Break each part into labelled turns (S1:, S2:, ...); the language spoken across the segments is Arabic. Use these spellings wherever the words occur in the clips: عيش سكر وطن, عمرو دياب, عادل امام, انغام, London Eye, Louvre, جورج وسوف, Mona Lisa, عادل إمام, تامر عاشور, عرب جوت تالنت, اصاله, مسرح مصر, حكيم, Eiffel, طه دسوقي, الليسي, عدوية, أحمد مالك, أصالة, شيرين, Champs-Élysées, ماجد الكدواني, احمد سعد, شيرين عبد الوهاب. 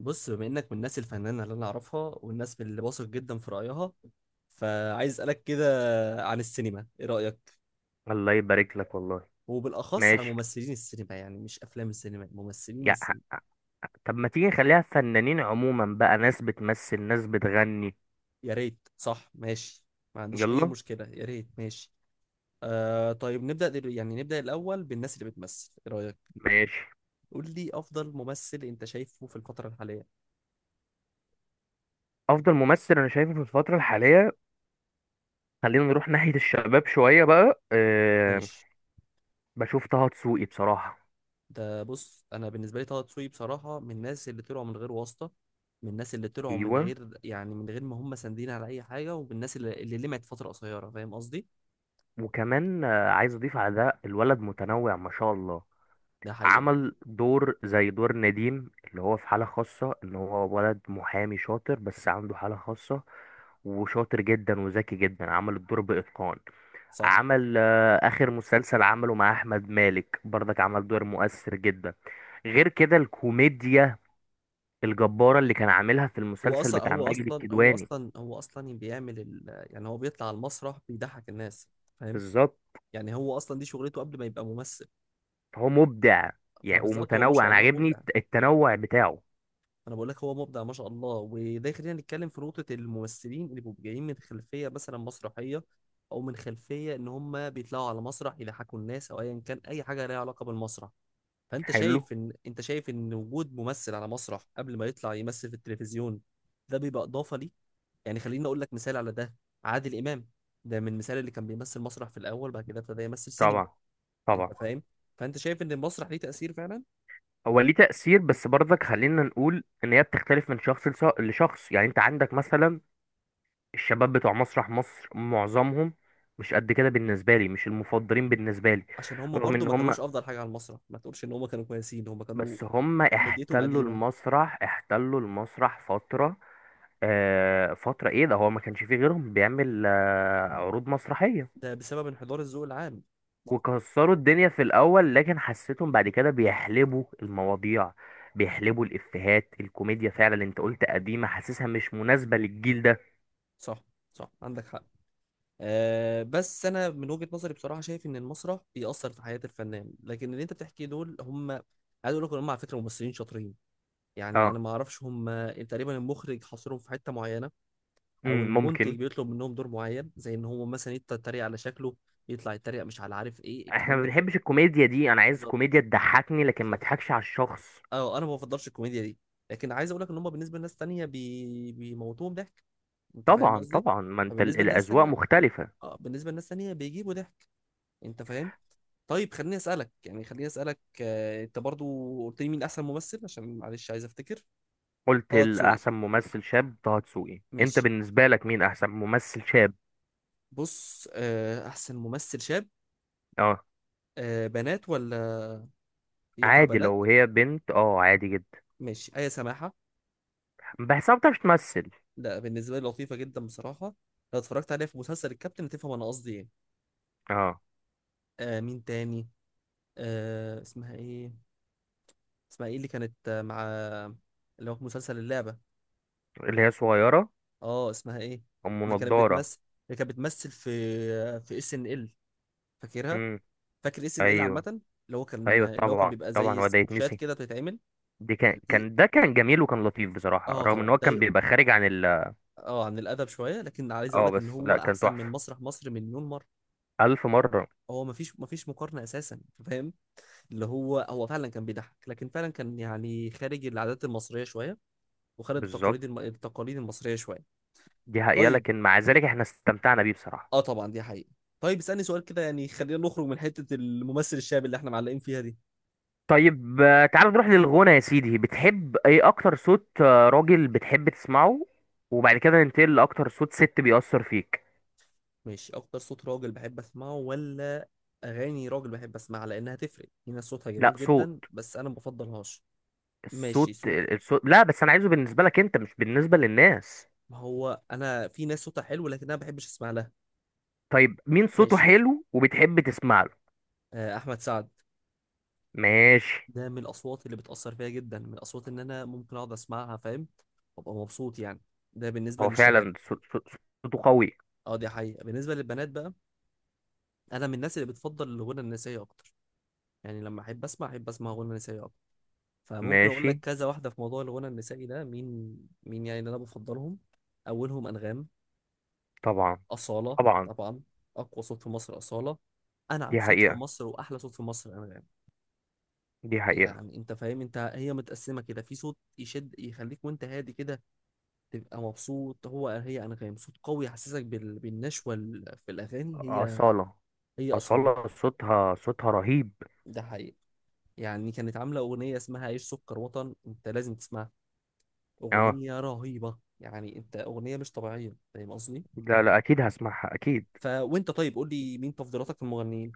S1: بص، بما انك من الناس الفنانه اللي انا اعرفها والناس اللي واثق جدا في رايها، فعايز اسالك كده عن السينما، ايه رايك؟
S2: الله يبارك لك والله.
S1: وبالاخص عن
S2: ماشي.
S1: ممثلين السينما، يعني مش افلام السينما، ممثلين
S2: يا
S1: السينما.
S2: طب ما تيجي نخليها فنانين عموما بقى، ناس بتمثل ناس بتغني.
S1: يا ريت، صح، ماشي. ما عنديش اي
S2: يلا.
S1: مشكله، يا ريت، ماشي. آه طيب، نبدا دل... يعني نبدا الاول بالناس اللي بتمثل، ايه رايك؟
S2: ماشي.
S1: قول لي افضل ممثل انت شايفه في الفتره الحاليه.
S2: افضل ممثل انا شايفه في الفترة الحالية، خلينا نروح ناحية الشباب شوية بقى. أه،
S1: ماشي.
S2: بشوف طه دسوقي بصراحة.
S1: ده بص، انا بالنسبه لي طه دسوقي بصراحه من الناس اللي طلعوا من غير واسطه. من الناس اللي طلعوا من
S2: ايوه،
S1: غير، يعني من غير ما هم ساندين على اي حاجه، ومن الناس اللي لمعت فتره قصيره، فاهم قصدي.
S2: وكمان عايز اضيف على ده، الولد متنوع ما شاء الله.
S1: ده حقيقه.
S2: عمل دور زي دور نديم، اللي هو في حالة خاصة ان هو ولد محامي شاطر بس عنده حالة خاصة، وشاطر جدا وذكي جدا، عمل الدور بإتقان.
S1: صح.
S2: عمل آخر مسلسل عمله مع أحمد مالك برضك، عمل دور مؤثر جدا. غير كده الكوميديا الجبارة اللي كان عاملها في
S1: هو
S2: المسلسل
S1: اصلا
S2: بتاع
S1: هو
S2: ماجد
S1: اصلا هو
S2: الكدواني.
S1: اصلا هو اصلا بيعمل يعني هو بيطلع على المسرح بيضحك الناس، فاهم.
S2: بالظبط.
S1: يعني هو اصلا دي شغلته قبل ما يبقى ممثل.
S2: هو مبدع يعني،
S1: فبالظبط، هو ما
S2: ومتنوع.
S1: شاء
S2: أنا
S1: الله
S2: عاجبني
S1: مبدع.
S2: التنوع بتاعه.
S1: انا بقول لك هو مبدع ما شاء الله، وده يخلينا نتكلم في نقطه الممثلين اللي بيبقوا جايين من خلفيه مثلا مسرحيه، او من خلفيه ان هم بيطلعوا على مسرح يضحكوا الناس، او ايا كان اي حاجه ليها علاقه بالمسرح. فانت
S2: حلو.
S1: شايف ان انت شايف ان وجود ممثل على مسرح قبل ما يطلع يمثل في التلفزيون، ده بيبقى اضافه ليه؟ يعني خليني اقول لك مثال على ده: عادل امام، ده من المثال اللي كان بيمثل مسرح في الاول، بعد كده ابتدى يمثل سينما.
S2: طبعا
S1: انت
S2: طبعا.
S1: فاهم. فانت شايف ان المسرح ليه تاثير فعلا.
S2: هو ليه تأثير، بس برضك خلينا نقول ان هي بتختلف من شخص لشخص. يعني انت عندك مثلا الشباب بتوع مسرح مصر، معظمهم مش قد كده بالنسبة لي، مش المفضلين بالنسبة لي.
S1: عشان هم
S2: رغم
S1: برضو
S2: ان
S1: ما
S2: هم،
S1: كانوش افضل حاجه على المسرح، ما تقولش ان هم كانوا كويسين، هم كانوا
S2: بس هم
S1: ومديتهم
S2: احتلوا
S1: قديمة.
S2: المسرح، احتلوا المسرح فترة. آه فترة، ايه ده، هو ما كانش فيه غيرهم بيعمل عروض مسرحية،
S1: ده بسبب انحدار الذوق العام.
S2: وكسروا الدنيا في الاول، لكن حسيتهم بعد كده بيحلبوا المواضيع، بيحلبوا الافيهات الكوميديا. فعلا انت قلت قديمه، حاسسها مش مناسبه للجيل ده.
S1: صح. صح، عندك حق. أه، بس أنا من وجهة نظري بصراحة شايف إن المسرح بيأثر في حياة الفنان، لكن اللي أنت بتحكيه دول هم، عايز أقول لك إن هم على فكرة ممثلين شاطرين. يعني أنا
S2: اه،
S1: ما أعرفش، هم تقريبا المخرج حاصرهم في حتة معينة، أو المنتج
S2: ممكن.
S1: بيطلب منهم دور معين زي إن هو مثلا يتريق على شكله، يطلع يتريق مش على عارف إيه
S2: احنا
S1: الكلام
S2: ما
S1: ده كله.
S2: بنحبش الكوميديا دي، انا عايز
S1: بالظبط.
S2: كوميديا تضحكني لكن ما
S1: بالظبط.
S2: تضحكش على الشخص.
S1: أه، أنا ما بفضلش الكوميديا دي، لكن عايز أقول لك إن هم بالنسبة لناس تانية بيموتوهم ضحك، انت فاهم
S2: طبعا
S1: قصدي.
S2: طبعا، ما انت ال-
S1: فبالنسبه للناس
S2: الاذواق
S1: الثانيه،
S2: مختلفه.
S1: اه بالنسبه للناس الثانيه بيجيبوا ضحك، انت فاهم. طيب خليني اسالك، يعني خليني اسالك انت برضو قلت لي مين احسن ممثل، عشان معلش عايز افتكر.
S2: قلت
S1: طه دسوقي.
S2: الاحسن ممثل شاب طه دسوقي، انت
S1: ماشي.
S2: بالنسبه لك مين احسن ممثل شاب؟
S1: بص، احسن ممثل شاب،
S2: اه.
S1: بنات ولا ينفع
S2: عادي،
S1: بنات؟
S2: لو هي بنت اه عادي جدا.
S1: ماشي، ايه سماحه.
S2: بحسها ما بتعرفش تمثل.
S1: لا، بالنسبه لي لطيفه جدا بصراحه. لو اتفرجت عليها في مسلسل الكابتن هتفهم انا قصدي ايه.
S2: اه.
S1: مين تاني، اسمها ايه؟ اسمها ايه اللي كانت مع، اللي هو في مسلسل اللعبه؟
S2: اللي هي صغيره.
S1: اه، اسمها ايه
S2: ام
S1: اللي كانت
S2: نضاره.
S1: بتمثل، اللي كانت بتمثل في، في اس ان ال؟ فاكرها.
S2: امم.
S1: فاكر اس ان ال
S2: ايوه
S1: عامه،
S2: ايوه.
S1: اللي هو كان
S2: طبعا
S1: بيبقى
S2: طبعا،
S1: زي
S2: هو ده
S1: سكتشات
S2: يتنسي.
S1: كده بتتعمل.
S2: دي كان
S1: دي،
S2: كان ده كان جميل وكان لطيف بصراحه،
S1: اه
S2: رغم
S1: طبعا
S2: ان هو كان
S1: ده،
S2: بيبقى خارج عن
S1: اه عن الادب شويه، لكن عايز اقول
S2: اه،
S1: لك ان
S2: بس
S1: هو
S2: لا كان
S1: احسن من
S2: تحفه.
S1: مسرح مصر مليون مره.
S2: الف مره.
S1: هو مفيش مقارنه اساسا، أنت فاهم. اللي هو فعلا كان بيضحك، لكن فعلا كان يعني خارج العادات المصريه شويه، وخارج
S2: بالظبط.
S1: التقاليد المصريه شويه.
S2: دي حقيقه،
S1: طيب،
S2: لكن مع ذلك احنا استمتعنا بيه بصراحه.
S1: اه طبعا دي حقيقة. طيب اسألني سؤال كده، يعني خلينا نخرج من حتة الممثل الشاب اللي احنا معلقين فيها دي.
S2: طيب تعال نروح للغنى يا سيدي. بتحب ايه اكتر صوت راجل بتحب تسمعه؟ وبعد كده ننتقل لاكتر صوت ست بيأثر فيك.
S1: ماشي، اكتر صوت راجل بحب اسمعه، ولا اغاني راجل بحب اسمعها، لانها تفرق. في ناس صوتها
S2: لا
S1: جميل
S2: صوت،
S1: جدا بس انا ما بفضلهاش. ماشي،
S2: الصوت
S1: صوت،
S2: الصوت، لا بس انا عايزه بالنسبه لك انت، مش بالنسبه للناس.
S1: ما هو انا في ناس صوتها حلو لكن انا ما بحبش اسمع لها.
S2: طيب مين صوته
S1: ماشي،
S2: حلو وبتحب تسمع له؟
S1: آه احمد سعد،
S2: ماشي.
S1: ده من الاصوات اللي بتأثر فيا جدا، من الاصوات ان انا ممكن اقعد اسمعها، فاهم، وابقى مبسوط يعني. ده بالنسبة
S2: هو
S1: للشباب.
S2: فعلا صوته قوي.
S1: اه، دي حقيقة. بالنسبة للبنات بقى، انا من الناس اللي بتفضل الغنى النسائي اكتر، يعني لما احب اسمع، احب اسمع غنى نسائي اكتر. فممكن اقول
S2: ماشي.
S1: لك كذا واحده في موضوع الغنى النسائي ده، مين، مين يعني اللي انا بفضلهم. اولهم انغام،
S2: طبعا
S1: اصاله.
S2: طبعا.
S1: طبعا، اقوى صوت في مصر اصاله، انعم
S2: دي
S1: صوت في
S2: حقيقة.
S1: مصر واحلى صوت في مصر انغام.
S2: دي حقيقة.
S1: يعني انت فاهم، انت هي متقسمه كده، في صوت يشد يخليك وانت هادي كده تبقى مبسوط، هو هي انغام، صوت قوي يحسسك بالنشوه في الاغاني، هي
S2: أصالة.
S1: هي اصاله.
S2: أصالة صوتها، صوتها رهيب.
S1: ده حقيقي. يعني كانت عامله اغنيه اسمها عيش سكر وطن، انت لازم تسمعها.
S2: اه.
S1: أغنية رهيبة، يعني أنت أغنية مش طبيعية، فاهم قصدي؟
S2: لا لا، أكيد هسمعها أكيد.
S1: فوأنت طيب، قول لي مين تفضيلاتك في المغنيين؟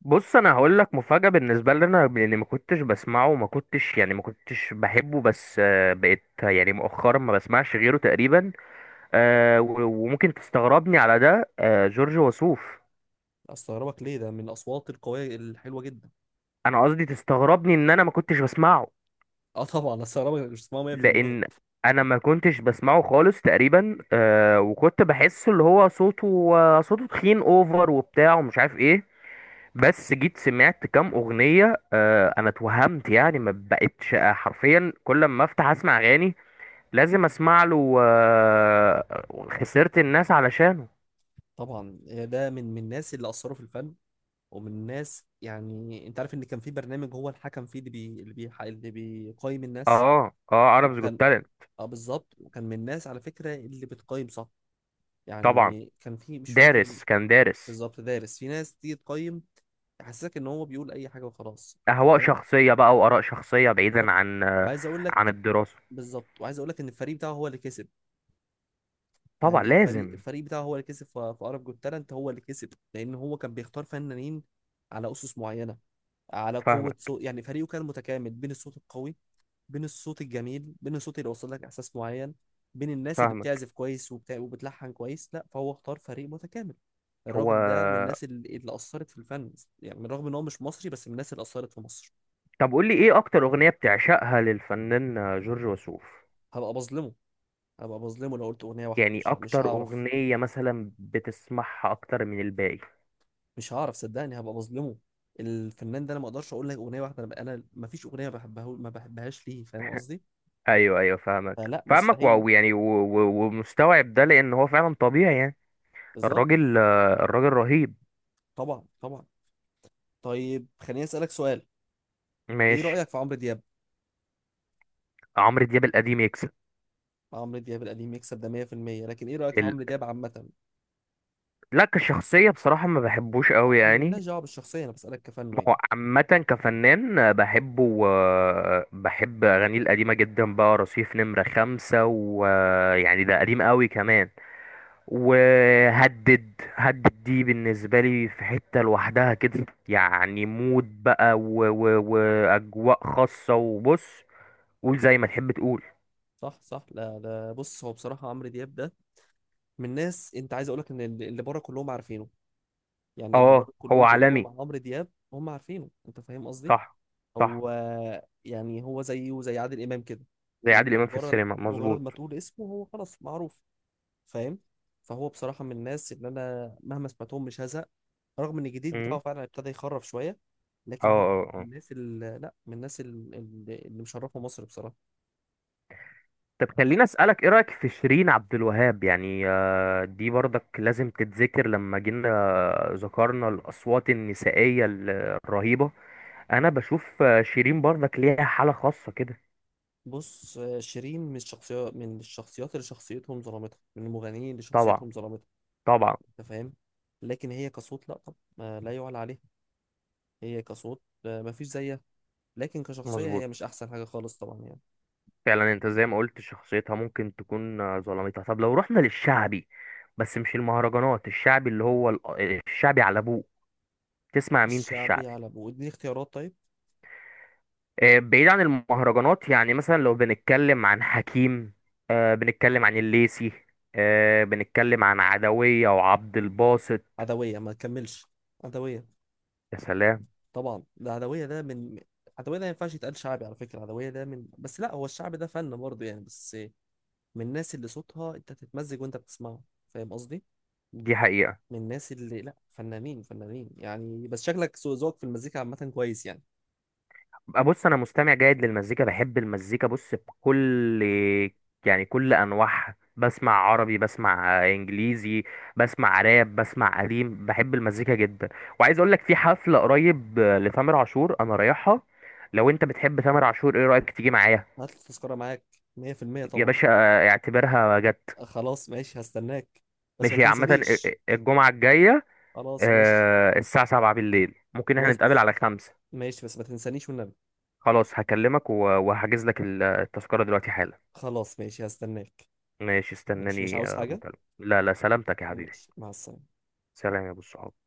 S2: بص أنا هقول لك مفاجأة بالنسبة لي، أنا لأني ما كنتش بسمعه وما كنتش يعني ما كنتش بحبه، بس بقيت يعني مؤخرا ما بسمعش غيره تقريبا. وممكن تستغربني على ده، جورج وسوف.
S1: أستغربك ليه؟ ده من الأصوات القوية الحلوة جدا.
S2: انا قصدي تستغربني ان انا ما كنتش بسمعه،
S1: أه طبعا، أستغربك إنك مش اسمها 100%.
S2: لان انا ما كنتش بسمعه خالص تقريبا. وكنت بحسه اللي هو صوته صوته تخين اوفر وبتاع ومش عارف ايه. بس جيت سمعت كام اغنية، انا اتوهمت يعني، ما بقتش حرفيا كل ما افتح اسمع اغاني لازم اسمع له. خسرت الناس علشانه.
S1: طبعا ده من الناس اللي أثروا في الفن، ومن الناس، يعني أنت عارف إن كان في برنامج هو الحكم فيه، اللي بيقيم الناس،
S2: اه اه، عربز جوت
S1: وكان،
S2: تالنت.
S1: أه بالظبط، وكان من الناس على فكرة اللي بتقيم صح.
S2: طبعا،
S1: يعني كان في، مش فاكر.
S2: دارس كان دارس.
S1: بالظبط، دارس، في ناس تيجي تقيم يحسسك ان هو بيقول اي حاجه وخلاص، انت
S2: اهواء
S1: فاهم.
S2: شخصية بقى واراء شخصية، بعيدا
S1: بالظبط،
S2: عن
S1: وعايز اقول
S2: عن
S1: لك،
S2: الدراسة.
S1: بالظبط وعايز اقول لك ان الفريق بتاعه هو اللي كسب.
S2: طبعا
S1: يعني الفريق
S2: لازم.
S1: الفريق بتاعه هو اللي كسب في عرب جوت تالنت، هو اللي كسب، لان هو كان بيختار فنانين على اسس معينه، على قوه
S2: فاهمك
S1: صوت. يعني فريقه كان متكامل، بين الصوت القوي، بين الصوت الجميل، بين الصوت اللي وصل لك احساس معين، بين الناس اللي
S2: فاهمك.
S1: بتعزف كويس وبتاع وبتلحن كويس، لا فهو اختار فريق متكامل. الراجل ده من
S2: هو.
S1: الناس اللي اثرت في الفن. يعني بالرغم ان هو مش مصري، بس من الناس اللي اثرت في مصر.
S2: طب قول لي، ايه اكتر اغنية بتعشقها للفنان جورج وسوف؟
S1: هبقى بظلمه، هبقى بظلمه لو قلت اغنيه واحده،
S2: يعني
S1: مش
S2: اكتر
S1: هعرف.
S2: اغنية مثلا بتسمعها اكتر من الباقي.
S1: مش هعرف صدقني، هبقى بظلمه. الفنان ده انا ما اقدرش اقول لك اغنيه واحده، انا ما فيش اغنيه بحبها ما بحبهاش ليه، فاهم قصدي؟
S2: ايوه ايوه فاهمك
S1: فلا،
S2: فاهمك.
S1: مستحيل.
S2: واو يعني، ومستوعب ده لان هو فعلا طبيعي يعني.
S1: بالظبط.
S2: الراجل، الراجل رهيب.
S1: طبعا طبعا. طيب خليني اسالك سؤال، ايه
S2: ماشي.
S1: رايك في عمرو دياب؟
S2: عمرو دياب القديم يكسب.
S1: عمرو دياب القديم يكسب، ده 100%، لكن ايه رأيك في
S2: ال...
S1: عمرو دياب عامة؟
S2: لا كشخصية بصراحة ما بحبوش
S1: لا
S2: قوي
S1: احنا
S2: يعني.
S1: مالناش دعوة بالشخصية، انا بسألك كفنه
S2: ما
S1: يعني.
S2: هو عامة، كفنان بحبه. بحب أغانيه القديمة جدا بقى. رصيف نمرة 5، ويعني ده قديم قوي كمان. وهدد هدد دي بالنسبة لي في حتة لوحدها كده يعني، مود بقى وأجواء خاصة. وبص قول زي ما تحب تقول.
S1: صح صح. لا لا، بص هو بصراحة عمرو دياب ده من ناس، انت عايز اقولك ان اللي بره كلهم عارفينه. يعني اللي
S2: اه
S1: بره
S2: هو
S1: كلهم تقول
S2: عالمي.
S1: لهم عن عمرو دياب هم عارفينه، انت فاهم قصدي؟
S2: صح صح.
S1: هو، يعني هو زيه زي عادل امام كده.
S2: زي عادل
S1: انت
S2: إمام في
S1: مجرد
S2: السينما،
S1: مجرد
S2: مظبوط.
S1: ما تقول اسمه هو خلاص معروف، فاهم. فهو بصراحة من الناس اللي أنا مهما سمعتهم مش هزهق. رغم إن الجديد
S2: مم.
S1: بتاعه فعلا ابتدى يخرف شوية،
S2: اه
S1: لكن هو من
S2: اه.
S1: الناس اللي، لا من الناس اللي مشرفة مصر بصراحة.
S2: طب خليني اسالك، ايه رايك في شيرين عبد الوهاب؟ يعني دي برضك لازم تتذكر لما جينا ذكرنا الاصوات النسائيه الرهيبه. انا بشوف شيرين برضك ليها حاله خاصه كده.
S1: بص، شيرين من الشخصيات، من الشخصيات اللي شخصيتهم ظلمتها، من المغنيين اللي
S2: طبعا
S1: شخصيتهم ظلمتها.
S2: طبعا.
S1: أنت فاهم. لكن هي كصوت، لا طب ما لا يعلى عليها، هي كصوت ما فيش زيها، لكن كشخصية
S2: مظبوط.
S1: هي مش أحسن حاجة خالص طبعا، يعني.
S2: فعلا انت زي ما قلت شخصيتها ممكن تكون ظلمتها. طب لو رحنا للشعبي، بس مش المهرجانات، الشعبي اللي هو الشعبي على ابوه. تسمع مين في
S1: الشعبي
S2: الشعبي؟
S1: على أبوه، اديني اختيارات طيب.
S2: بعيد عن المهرجانات يعني، مثلا لو بنتكلم عن حكيم، بنتكلم عن الليسي، بنتكلم عن عدوية وعبد الباسط.
S1: عدوية، ما تكملش. عدوية،
S2: يا سلام.
S1: طبعا العدوية ده من، العدوية ده ما ينفعش يتقال شعبي على فكرة، العدوية ده من، بس لا هو الشعب ده فن برضه يعني، بس من الناس اللي صوتها انت تتمزج وانت بتسمعه، فاهم قصدي؟
S2: دي حقيقة.
S1: من الناس اللي، لا فنانين فنانين يعني، بس شكلك ذوقك في المزيكا عامة كويس يعني.
S2: بقى بص أنا مستمع جيد للمزيكا، بحب المزيكا، بص بكل يعني كل أنواعها. بسمع عربي، بسمع إنجليزي، بسمع راب، بسمع قديم، بحب المزيكا جدا. وعايز أقول لك في حفلة قريب لتامر عاشور أنا رايحها. لو أنت بتحب تامر عاشور، إيه رأيك تيجي معايا؟
S1: هات التذكرة معاك، 100%
S2: يا
S1: طبعا.
S2: باشا اعتبرها جت.
S1: أه خلاص ماشي، هستناك، بس ما
S2: ماشي، عامة
S1: تنسانيش.
S2: الجمعة الجاية،
S1: خلاص ماشي.
S2: الساعة 7 بالليل. ممكن احنا
S1: خلاص
S2: نتقابل
S1: بس،
S2: على 5.
S1: ماشي، بس ما تنسانيش والنبي.
S2: خلاص هكلمك وهحجز لك التذكرة دلوقتي حالا.
S1: خلاص ماشي، هستناك.
S2: ماشي،
S1: ماشي، مش
S2: استناني
S1: عاوز حاجة.
S2: مكالمة. لا لا، سلامتك يا حبيبي.
S1: ماشي، مع السلامة.
S2: سلام يا ابو الصحاب.